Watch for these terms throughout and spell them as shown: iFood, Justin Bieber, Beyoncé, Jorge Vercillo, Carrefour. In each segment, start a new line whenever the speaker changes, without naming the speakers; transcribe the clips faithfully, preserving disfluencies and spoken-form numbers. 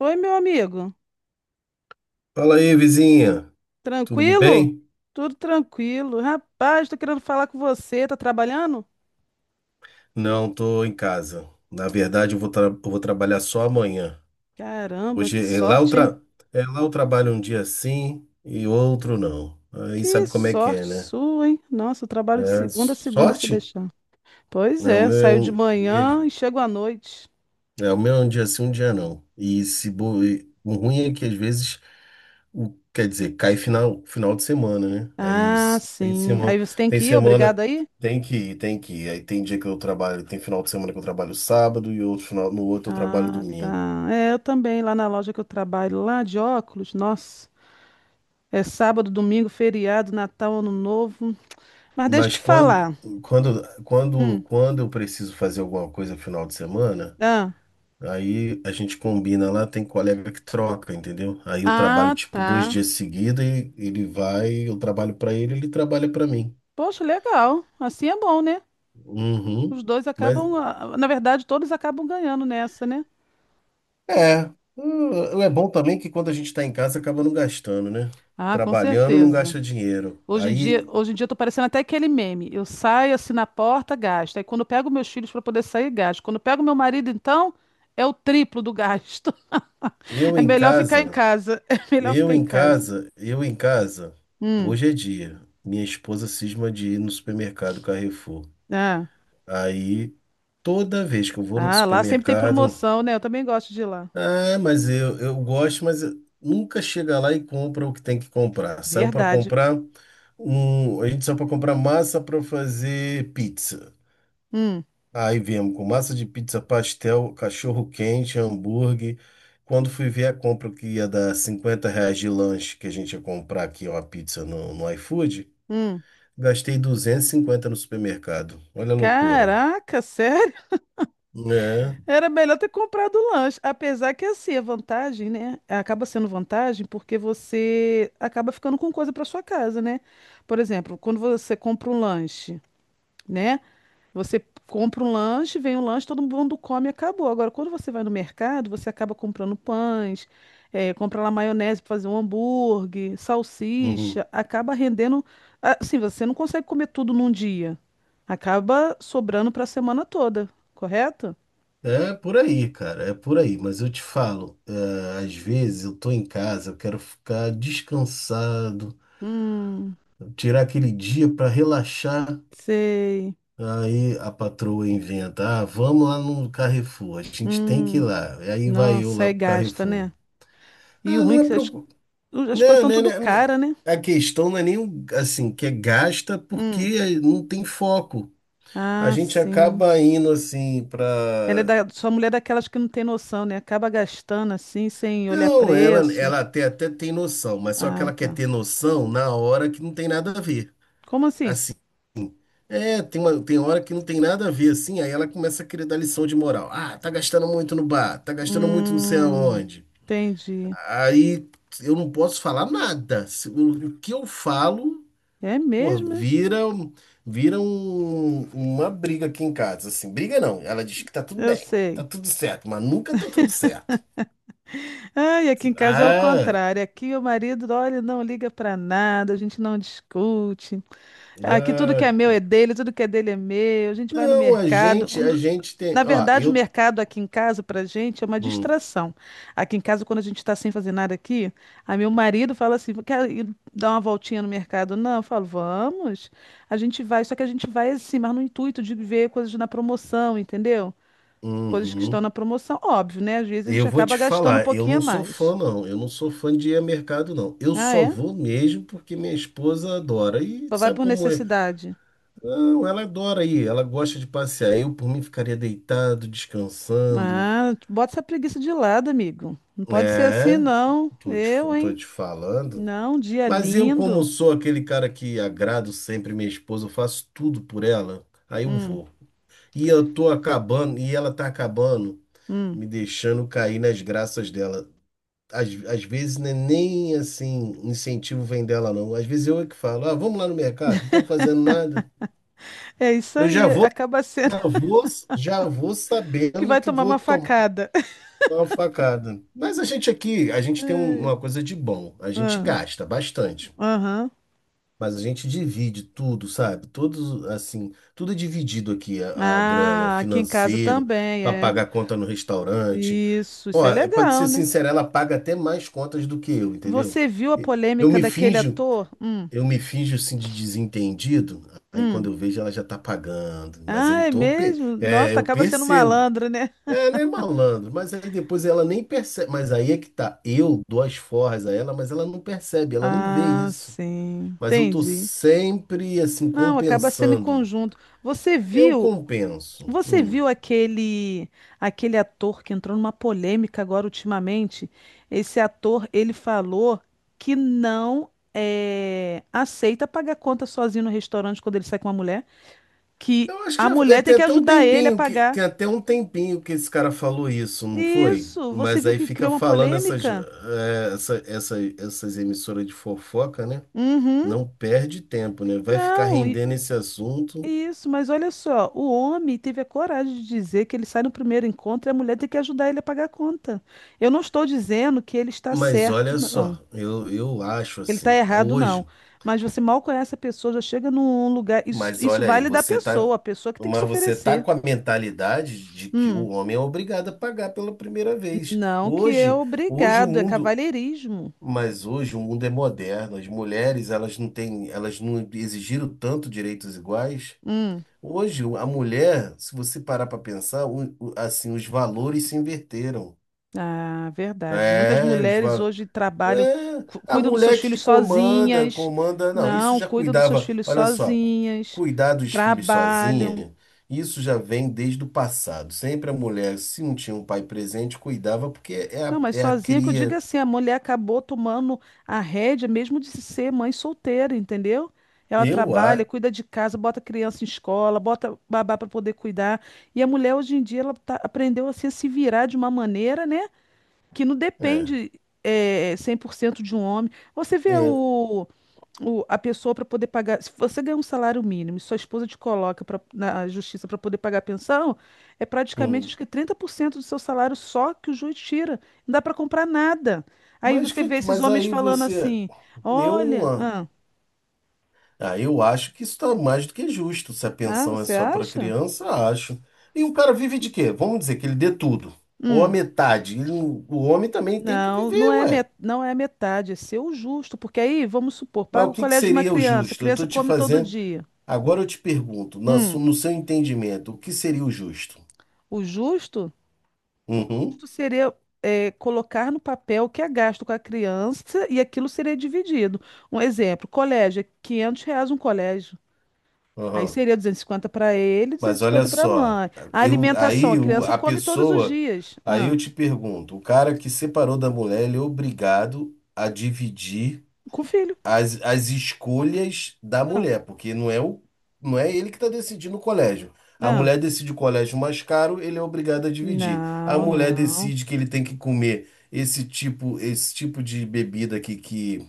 Oi, meu amigo.
Fala aí, vizinha. Tudo
Tranquilo?
bem?
Tudo tranquilo. Rapaz, tô querendo falar com você. Tá trabalhando?
Não, tô em casa. Na verdade, eu vou, tra- eu vou trabalhar só amanhã.
Caramba,
Hoje
que
é lá eu
sorte, hein?
tra- é lá eu trabalho um dia sim e outro não. Aí
Que
sabe como é que é,
sorte
né?
sua, hein? Nossa, eu trabalho de
É,
segunda a segunda se
sorte?
deixar. Pois
Não, o
é,
meu é
saio de
um, minha
manhã e
de-
chego à noite.
é, o meu é um dia sim, um dia não. E se bo... e o ruim é que às vezes o- quer dizer, cai final, final de semana, né? Aí
Ah,
s- tem
sim.
semana,
Aí você tem
tem
que ir, obrigado
semana,
aí?
tem que ir, tem que ir. Aí tem dia que eu trabalho, tem final de semana que eu trabalho sábado e outro final, no outro eu trabalho
Ah,
domingo.
tá. É, eu também, lá na loja que eu trabalho, lá de óculos, nossa. É sábado, domingo, feriado, Natal, Ano Novo. Mas deixa eu
Mas
te
quando,
falar.
quando, quando,
Hum.
quando eu preciso fazer alguma coisa final de semana,
Ah.
aí a gente combina lá, tem colega que troca, entendeu? Aí eu trabalho
Ah,
tipo dois
tá.
dias seguidos e ele vai, eu trabalho para ele, ele trabalha para mim.
Poxa, legal. Assim é bom, né? Os
Uhum.
dois
Mas,
acabam, ah, na verdade, todos acabam ganhando nessa, né?
é, hum, é bom também que quando a gente está em casa acaba não gastando, né?
Ah, com
Trabalhando não
certeza.
gasta dinheiro.
Hoje em dia,
Aí
hoje em dia eu tô parecendo até aquele meme. Eu saio assim na porta, gasto. Aí quando eu pego meus filhos para poder sair, gasto. Quando eu pego meu marido, então, é o triplo do gasto.
eu
É
em
melhor ficar em
casa,
casa. É melhor
eu
ficar em
em
casa.
casa, eu em casa
Hum.
Hoje é dia. Minha esposa cisma de ir no supermercado Carrefour.
Ah.
Aí toda vez que eu vou no
Ah, lá sempre tem
supermercado,
promoção, né? Eu também gosto de ir lá.
ah, mas eu, eu gosto, mas eu- nunca chega lá e compra o que tem que comprar. Saiu para
Verdade.
comprar um, a gente saiu para comprar massa para fazer pizza.
Hum.
Aí viemos com massa de pizza, pastel, cachorro quente, hambúrguer. Quando fui ver a compra que ia dar cinquenta reais de lanche, que a gente ia comprar aqui uma pizza no, no iFood,
Hum.
gastei duzentos e cinquenta no supermercado. Olha a loucura.
Caraca, sério?
É.
Era melhor ter comprado o lanche. Apesar que, assim, a vantagem, né? Acaba sendo vantagem porque você acaba ficando com coisa para sua casa, né? Por exemplo, quando você compra um lanche, né? Você compra um lanche, vem um lanche, todo mundo come e acabou. Agora, quando você vai no mercado, você acaba comprando pães, eh, compra lá maionese para fazer um hambúrguer,
Uhum.
salsicha, acaba rendendo. Assim, você não consegue comer tudo num dia. Acaba sobrando para a semana toda, correto?
É por aí, cara, é por aí. Mas eu te falo, é, às vezes eu tô em casa, eu quero ficar descansado,
Hum.
tirar aquele dia para relaxar.
Sei.
Aí a patroa inventa, ah, vamos lá no Carrefour, a gente tem que ir
Hum,
lá. E aí vai eu
nossa,
lá
aí
pro
gasta,
Carrefour.
né? E o
Ah,
ruim
não
é
é
que as,
preocup...
as coisas
Não,
são
né,
tudo
né, né.
cara, né?
A questão não é nem o- assim, que é gasta
Hum.
porque é, não tem foco. A
Ah,
gente
sim.
acaba indo assim
Ela é
pra.
da, sua mulher é daquelas que não tem noção, né? Acaba gastando assim, sem olhar
Não, ela,
preço.
ela até, até tem noção, mas só que
Ah,
ela quer
tá.
ter noção na hora que não tem nada a ver.
Como assim?
Assim, é, tem uma, tem hora que não tem nada a ver, assim, aí ela começa a querer dar lição de moral. Ah, tá gastando muito no bar, tá gastando muito não sei
Hum,
aonde.
entendi.
Aí eu não posso falar nada. Se- O, o que eu falo,
É
porra,
mesmo, é?
vira, um- vira um- uma briga aqui em casa, assim. Briga não, ela diz que tá tudo
Eu
bem, tá
sei.
tudo certo, mas nunca tá tudo certo.
Ai, aqui em casa é o
Ah,
contrário. Aqui o marido, olha, não liga pra nada, a gente não discute. Aqui tudo
ah.
que é meu é dele, tudo que é dele é meu. A gente vai no
Não, a
mercado.
gente, a gente tem,
Na
ó,
verdade, o
eu...
mercado aqui em casa, pra gente, é uma
Hum.
distração. Aqui em casa, quando a gente tá sem fazer nada aqui, aí meu marido fala assim, quer ir dar uma voltinha no mercado? Não, eu falo, vamos. A gente vai, só que a gente vai assim, mas no intuito de ver coisas na promoção, entendeu? Coisas que estão na
Uhum.
promoção, óbvio, né? Às vezes a gente
Eu vou
acaba
te
gastando um
falar, eu
pouquinho a
não sou fã,
mais.
não. Eu não sou fã de ir a mercado, não. Eu
Ah,
só
é?
vou mesmo porque minha esposa adora. E
Só vai
sabe
por
como é?
necessidade.
Não, ela adora ir, ela gosta de passear. Eu, por mim, ficaria deitado, descansando.
Ah, bota essa preguiça de lado, amigo. Não pode ser assim,
É,
não.
tô te,
Eu,
fa- tô
hein?
te falando.
Não, dia
Mas eu, como
lindo.
sou aquele cara que agrado sempre minha esposa, eu faço tudo por ela, aí eu
Hum,
vou. E eu tô acabando, e ela tá acabando,
hum.
me deixando cair nas graças dela. às, às vezes não é nem assim, incentivo vem dela, não. Às vezes eu é que falo, ah, vamos lá no mercado, não estão fazendo nada.
É isso
Eu já
aí,
vou,
acaba sendo
já vou, já vou
que
sabendo
vai
que
tomar
vou
uma
tomar
facada.
uma facada. Mas a gente aqui, a gente tem um- uma coisa de bom, a gente
Ah,
gasta bastante.
aham.
Mas a gente divide tudo, sabe? Todos, assim, tudo é dividido aqui, a, a grana,
Ah, aqui em casa
financeiro,
também,
para
é.
pagar conta no restaurante.
Isso, isso
Ó,
é
é, pra te
legal,
ser
né?
sincero, ela paga até mais contas do que eu, entendeu?
Você viu a
E- Eu
polêmica
me
daquele
finjo,
ator? Hum,
eu me finjo assim de desentendido, aí quando
hum.
eu vejo ela já tá pagando, mas eu
Ah, é
tô, pe-
mesmo?
é,
Nossa,
eu
acaba sendo
percebo.
malandro, né?
É, ela é malandro, mas aí depois ela nem percebe, mas aí é que tá, eu dou as forras a ela, mas ela não percebe, ela não vê
Ah,
isso.
sim,
Mas eu tô
entendi.
sempre assim
Não, acaba sendo em
compensando.
conjunto. Você
Eu
viu
compenso.
Você
Hum.
viu aquele aquele ator que entrou numa polêmica agora ultimamente? Esse ator, ele falou que não eh, aceita pagar conta sozinho no restaurante quando ele sai com uma mulher, que
Eu acho que
a
já, eh,
mulher tem
tem
que
até um
ajudar ele a
tempinho que tem
pagar.
até um tempinho que esse cara falou isso, não foi?
Isso, você
Mas
viu
aí
que
fica
criou uma
falando essas
polêmica?
eh, essa, essa- essas emissoras de fofoca, né?
Uhum.
Não perde tempo, né? Vai ficar
Não, i-
rendendo esse assunto.
Isso, mas olha só, o homem teve a coragem de dizer que ele sai no primeiro encontro e a mulher tem que ajudar ele a pagar a conta. Eu não estou dizendo que ele está
Mas
certo,
olha
não.
só, eu, eu acho
Ele tá
assim, é
errado, não.
hoje,
Mas você mal conhece a pessoa, já chega num lugar. Isso,
mas
isso
olha aí,
vale da
você tá,
pessoa, a pessoa que tem que se
mas você tá
oferecer.
com a mentalidade de que
Hum,
o homem é obrigado a pagar pela primeira vez.
não que é
Hoje, hoje o
obrigado, é
mundo
cavalheirismo.
Mas hoje o mundo é moderno, as mulheres elas não têm, elas não exigiram tanto direitos iguais.
Hum,
Hoje a mulher, se você parar para pensar, o- o- assim os valores se inverteram.
ah, verdade. Muitas
É, os
mulheres
va-
hoje trabalham,
é,
cu-
a
cuidam dos seus
mulher que
filhos
comanda,
sozinhas.
comanda, não, isso
Não,
já
cuidam dos seus
cuidava,
filhos
olha só,
sozinhas,
cuidar dos filhos
trabalham.
sozinha, isso já vem desde o passado. Sempre a mulher, se não tinha um pai presente, cuidava porque é
Não,
a,
mas
é a
sozinha que eu digo é
cria.
assim, a mulher acabou tomando a rédea mesmo de ser mãe solteira, entendeu? Ela
Eu
trabalha,
acho.
cuida de casa, bota criança em escola, bota babá para poder cuidar. E a mulher hoje em dia ela tá- aprendeu assim, a se virar de uma maneira, né? Que não
É,
depende é, cem por cento de um homem. Você vê
é.
o, o- a pessoa para poder pagar. Se você ganha um salário mínimo e sua esposa te coloca pra- na justiça para poder pagar a pensão, é praticamente acho
Hum.
que trinta por cento do seu salário só que o juiz tira. Não dá para comprar nada. Aí
Mas,
você vê
que,
esses
mas
homens
aí
falando
você.
assim:
Eu não.
olha,
a-
ah,
Ah, eu acho que isso está mais do que justo. Se a
ah,
pensão é
você
só para
acha?
criança, acho. E o cara vive de quê? Vamos dizer que ele dê tudo. Ou a
Hum.
metade. Ele não- o homem também tem que
Não, não
viver,
é,
ué.
met- não é metade, é seu justo, porque aí, vamos supor,
Mas
paga
o
o
que, que
colégio de uma
seria o
criança, a
justo? Eu
criança
estou te
come todo
fazendo.
dia.
Agora eu te pergunto, na su-
Hum,
no seu entendimento, o que seria o justo?
O justo, o
Uhum.
justo seria é, colocar no papel o que é gasto com a criança e aquilo seria dividido. Um exemplo, colégio, é quinhentos reais um colégio. Aí
Aham.
seria duzentos e cinquenta para ele,
Mas olha
duzentos e cinquenta para a
só,
mãe. A
eu,
alimentação, a
aí o-
criança
a
come todos os
pessoa,
dias.
aí
Ah,
eu te pergunto, o cara que separou da mulher, ele é obrigado a dividir
com o filho.
as, as escolhas da
Ah,
mulher, porque não é o, não é ele que está decidindo o colégio. A
ah.
mulher decide o colégio mais caro, ele é obrigado a dividir. A
Não,
mulher
não.
decide que ele tem que comer esse tipo, esse tipo de bebida aqui que,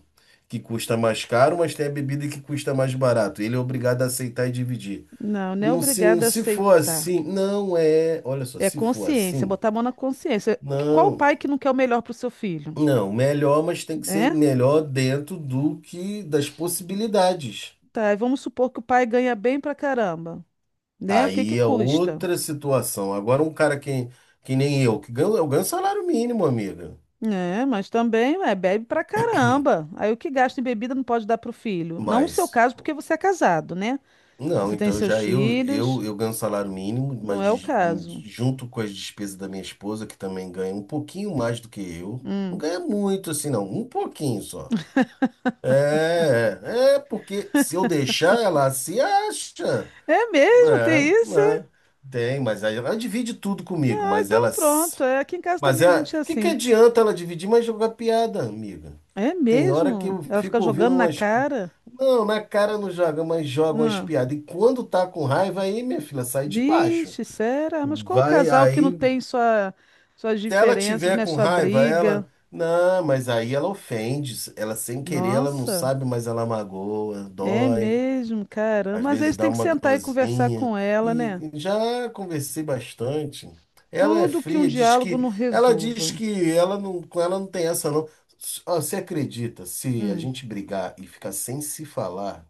que custa mais caro, mas tem a bebida que custa mais barato. Ele é obrigado a aceitar e dividir.
Não, não é
Não, se, não-
obrigada a
se for
aceitar.
assim, não é. Olha só,
É
se for
consciência,
assim,
botar a mão na consciência. Que- Qual o pai
não.
que não quer o melhor para o seu filho,
Não, melhor, mas tem que ser
né?
melhor dentro do que das possibilidades.
Tá, e vamos supor que o pai ganha bem pra caramba. Né? O que que
Aí é
custa?
outra situação. Agora, um cara que, que nem eu, que ganha, eu ganho salário mínimo, amiga.
É, mas também é, bebe pra caramba. Aí o que gasta em bebida não pode dar pro filho. Não o seu
Mas,
caso, porque você é casado, né?
não,
Você tem
então
seus
já eu, eu,
filhos,
eu ganho salário mínimo,
não
mas
é o
de-
caso.
junto com as despesas da minha esposa, que também ganha um pouquinho mais do que eu. Não
Hum.
ganha muito assim, não, um pouquinho só. É, é porque se eu deixar ela se acha,
É mesmo,
né,
tem isso? É?
né, tem, mas aí ela divide tudo comigo,
Ah,
mas
então
ela, s-
pronto. É, aqui em casa
mas
também a
é,
gente é
que que
assim.
adianta ela dividir, mas jogar piada, amiga?
É
Tem hora que
mesmo?
eu
Ela fica
fico ouvindo
jogando na
umas, co-
cara?
não, na cara não joga, mas joga umas
Não.
piadas, e quando tá com raiva, aí minha filha sai de baixo,
Vixe, será? Mas qual
vai,
casal que não
aí,
tem sua, suas
se ela
diferenças,
tiver
né?
com
Sua
raiva,
briga?
ela, não, mas aí ela ofende, ela sem querer, ela não
Nossa.
sabe, mas ela magoa,
É
dói.
mesmo, caramba.
Às
Mas
vezes
eles têm
dá
que
uma
sentar e conversar
dorzinha.
com ela,
E
né?
já conversei bastante. Ela é
Tudo que um
fria, diz
diálogo
que
não
ela diz
resolva.
que ela não, com ela não tem essa não. S- ó, você acredita, se a
Hum.
gente brigar e ficar sem se falar,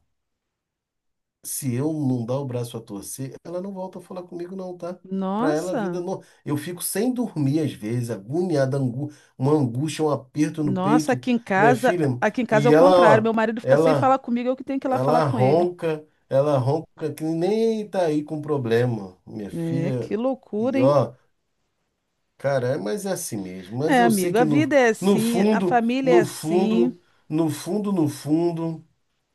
se eu não dar o braço a torcer, ela não volta a falar comigo não, tá? Pra ela a vida
Nossa,
não. Eu fico sem dormir às vezes, agoniada, angu... uma angústia, um aperto no
nossa,
peito,
aqui em
minha
casa,
filha.
aqui em casa é o
E ela,
contrário.
ó,
Meu marido fica sem
ela
falar comigo, eu que tenho que ir lá falar
ela
com ele.
ronca, ela ronca que nem tá aí com problema, minha
É,
filha.
que
E
loucura, hein?
ó, cara, é- mas é assim mesmo. Mas
É,
eu sei
amigo, a
que no,
vida é
no
assim, a
fundo,
família é
no
assim.
fundo, no fundo, no fundo,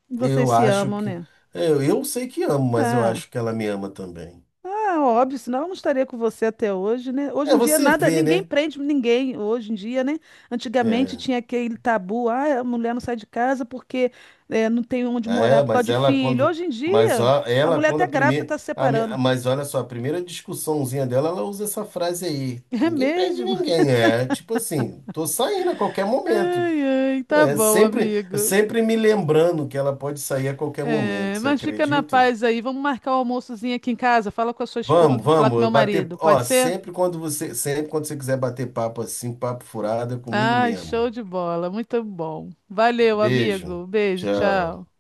Vocês
eu
se
acho
amam,
que.
né?
Eu, eu sei que amo, mas eu
Ah.
acho que ela me ama também.
Ah, óbvio, senão eu não estaria com você até hoje, né? Hoje
É,
em dia
você
nada,
vê,
ninguém
né?
prende ninguém hoje em dia, né? Antigamente
É.
tinha aquele tabu, ah, a mulher não sai de casa porque eh, não tem onde morar
É,
por causa
mas
de
ela
filho.
quando,
Hoje em
mas
dia,
ó,
a
ela
mulher
quando
até
a
grávida
primeira,
está se
a mi-
separando.
mas olha só, a primeira discussãozinha dela, ela usa essa frase aí.
É
Ninguém prende
mesmo?
ninguém, é tipo assim, tô saindo a qualquer momento.
Ai, ai, tá
É
bom,
sempre,
amigo.
sempre me lembrando que ela pode sair a qualquer momento,
É,
você
mas fica na
acredita?
paz aí. Vamos marcar o almoçozinho aqui em casa. Fala com a sua esposa,
Vamos,
vou falar com
vamos,
meu
bater,
marido. Pode
ó,
ser?
sempre quando você, sempre quando você quiser bater papo assim, papo furado, é comigo
Ai, show
mesmo.
de bola, muito bom. Valeu,
Beijo.
amigo. Beijo, tchau.
Tchau.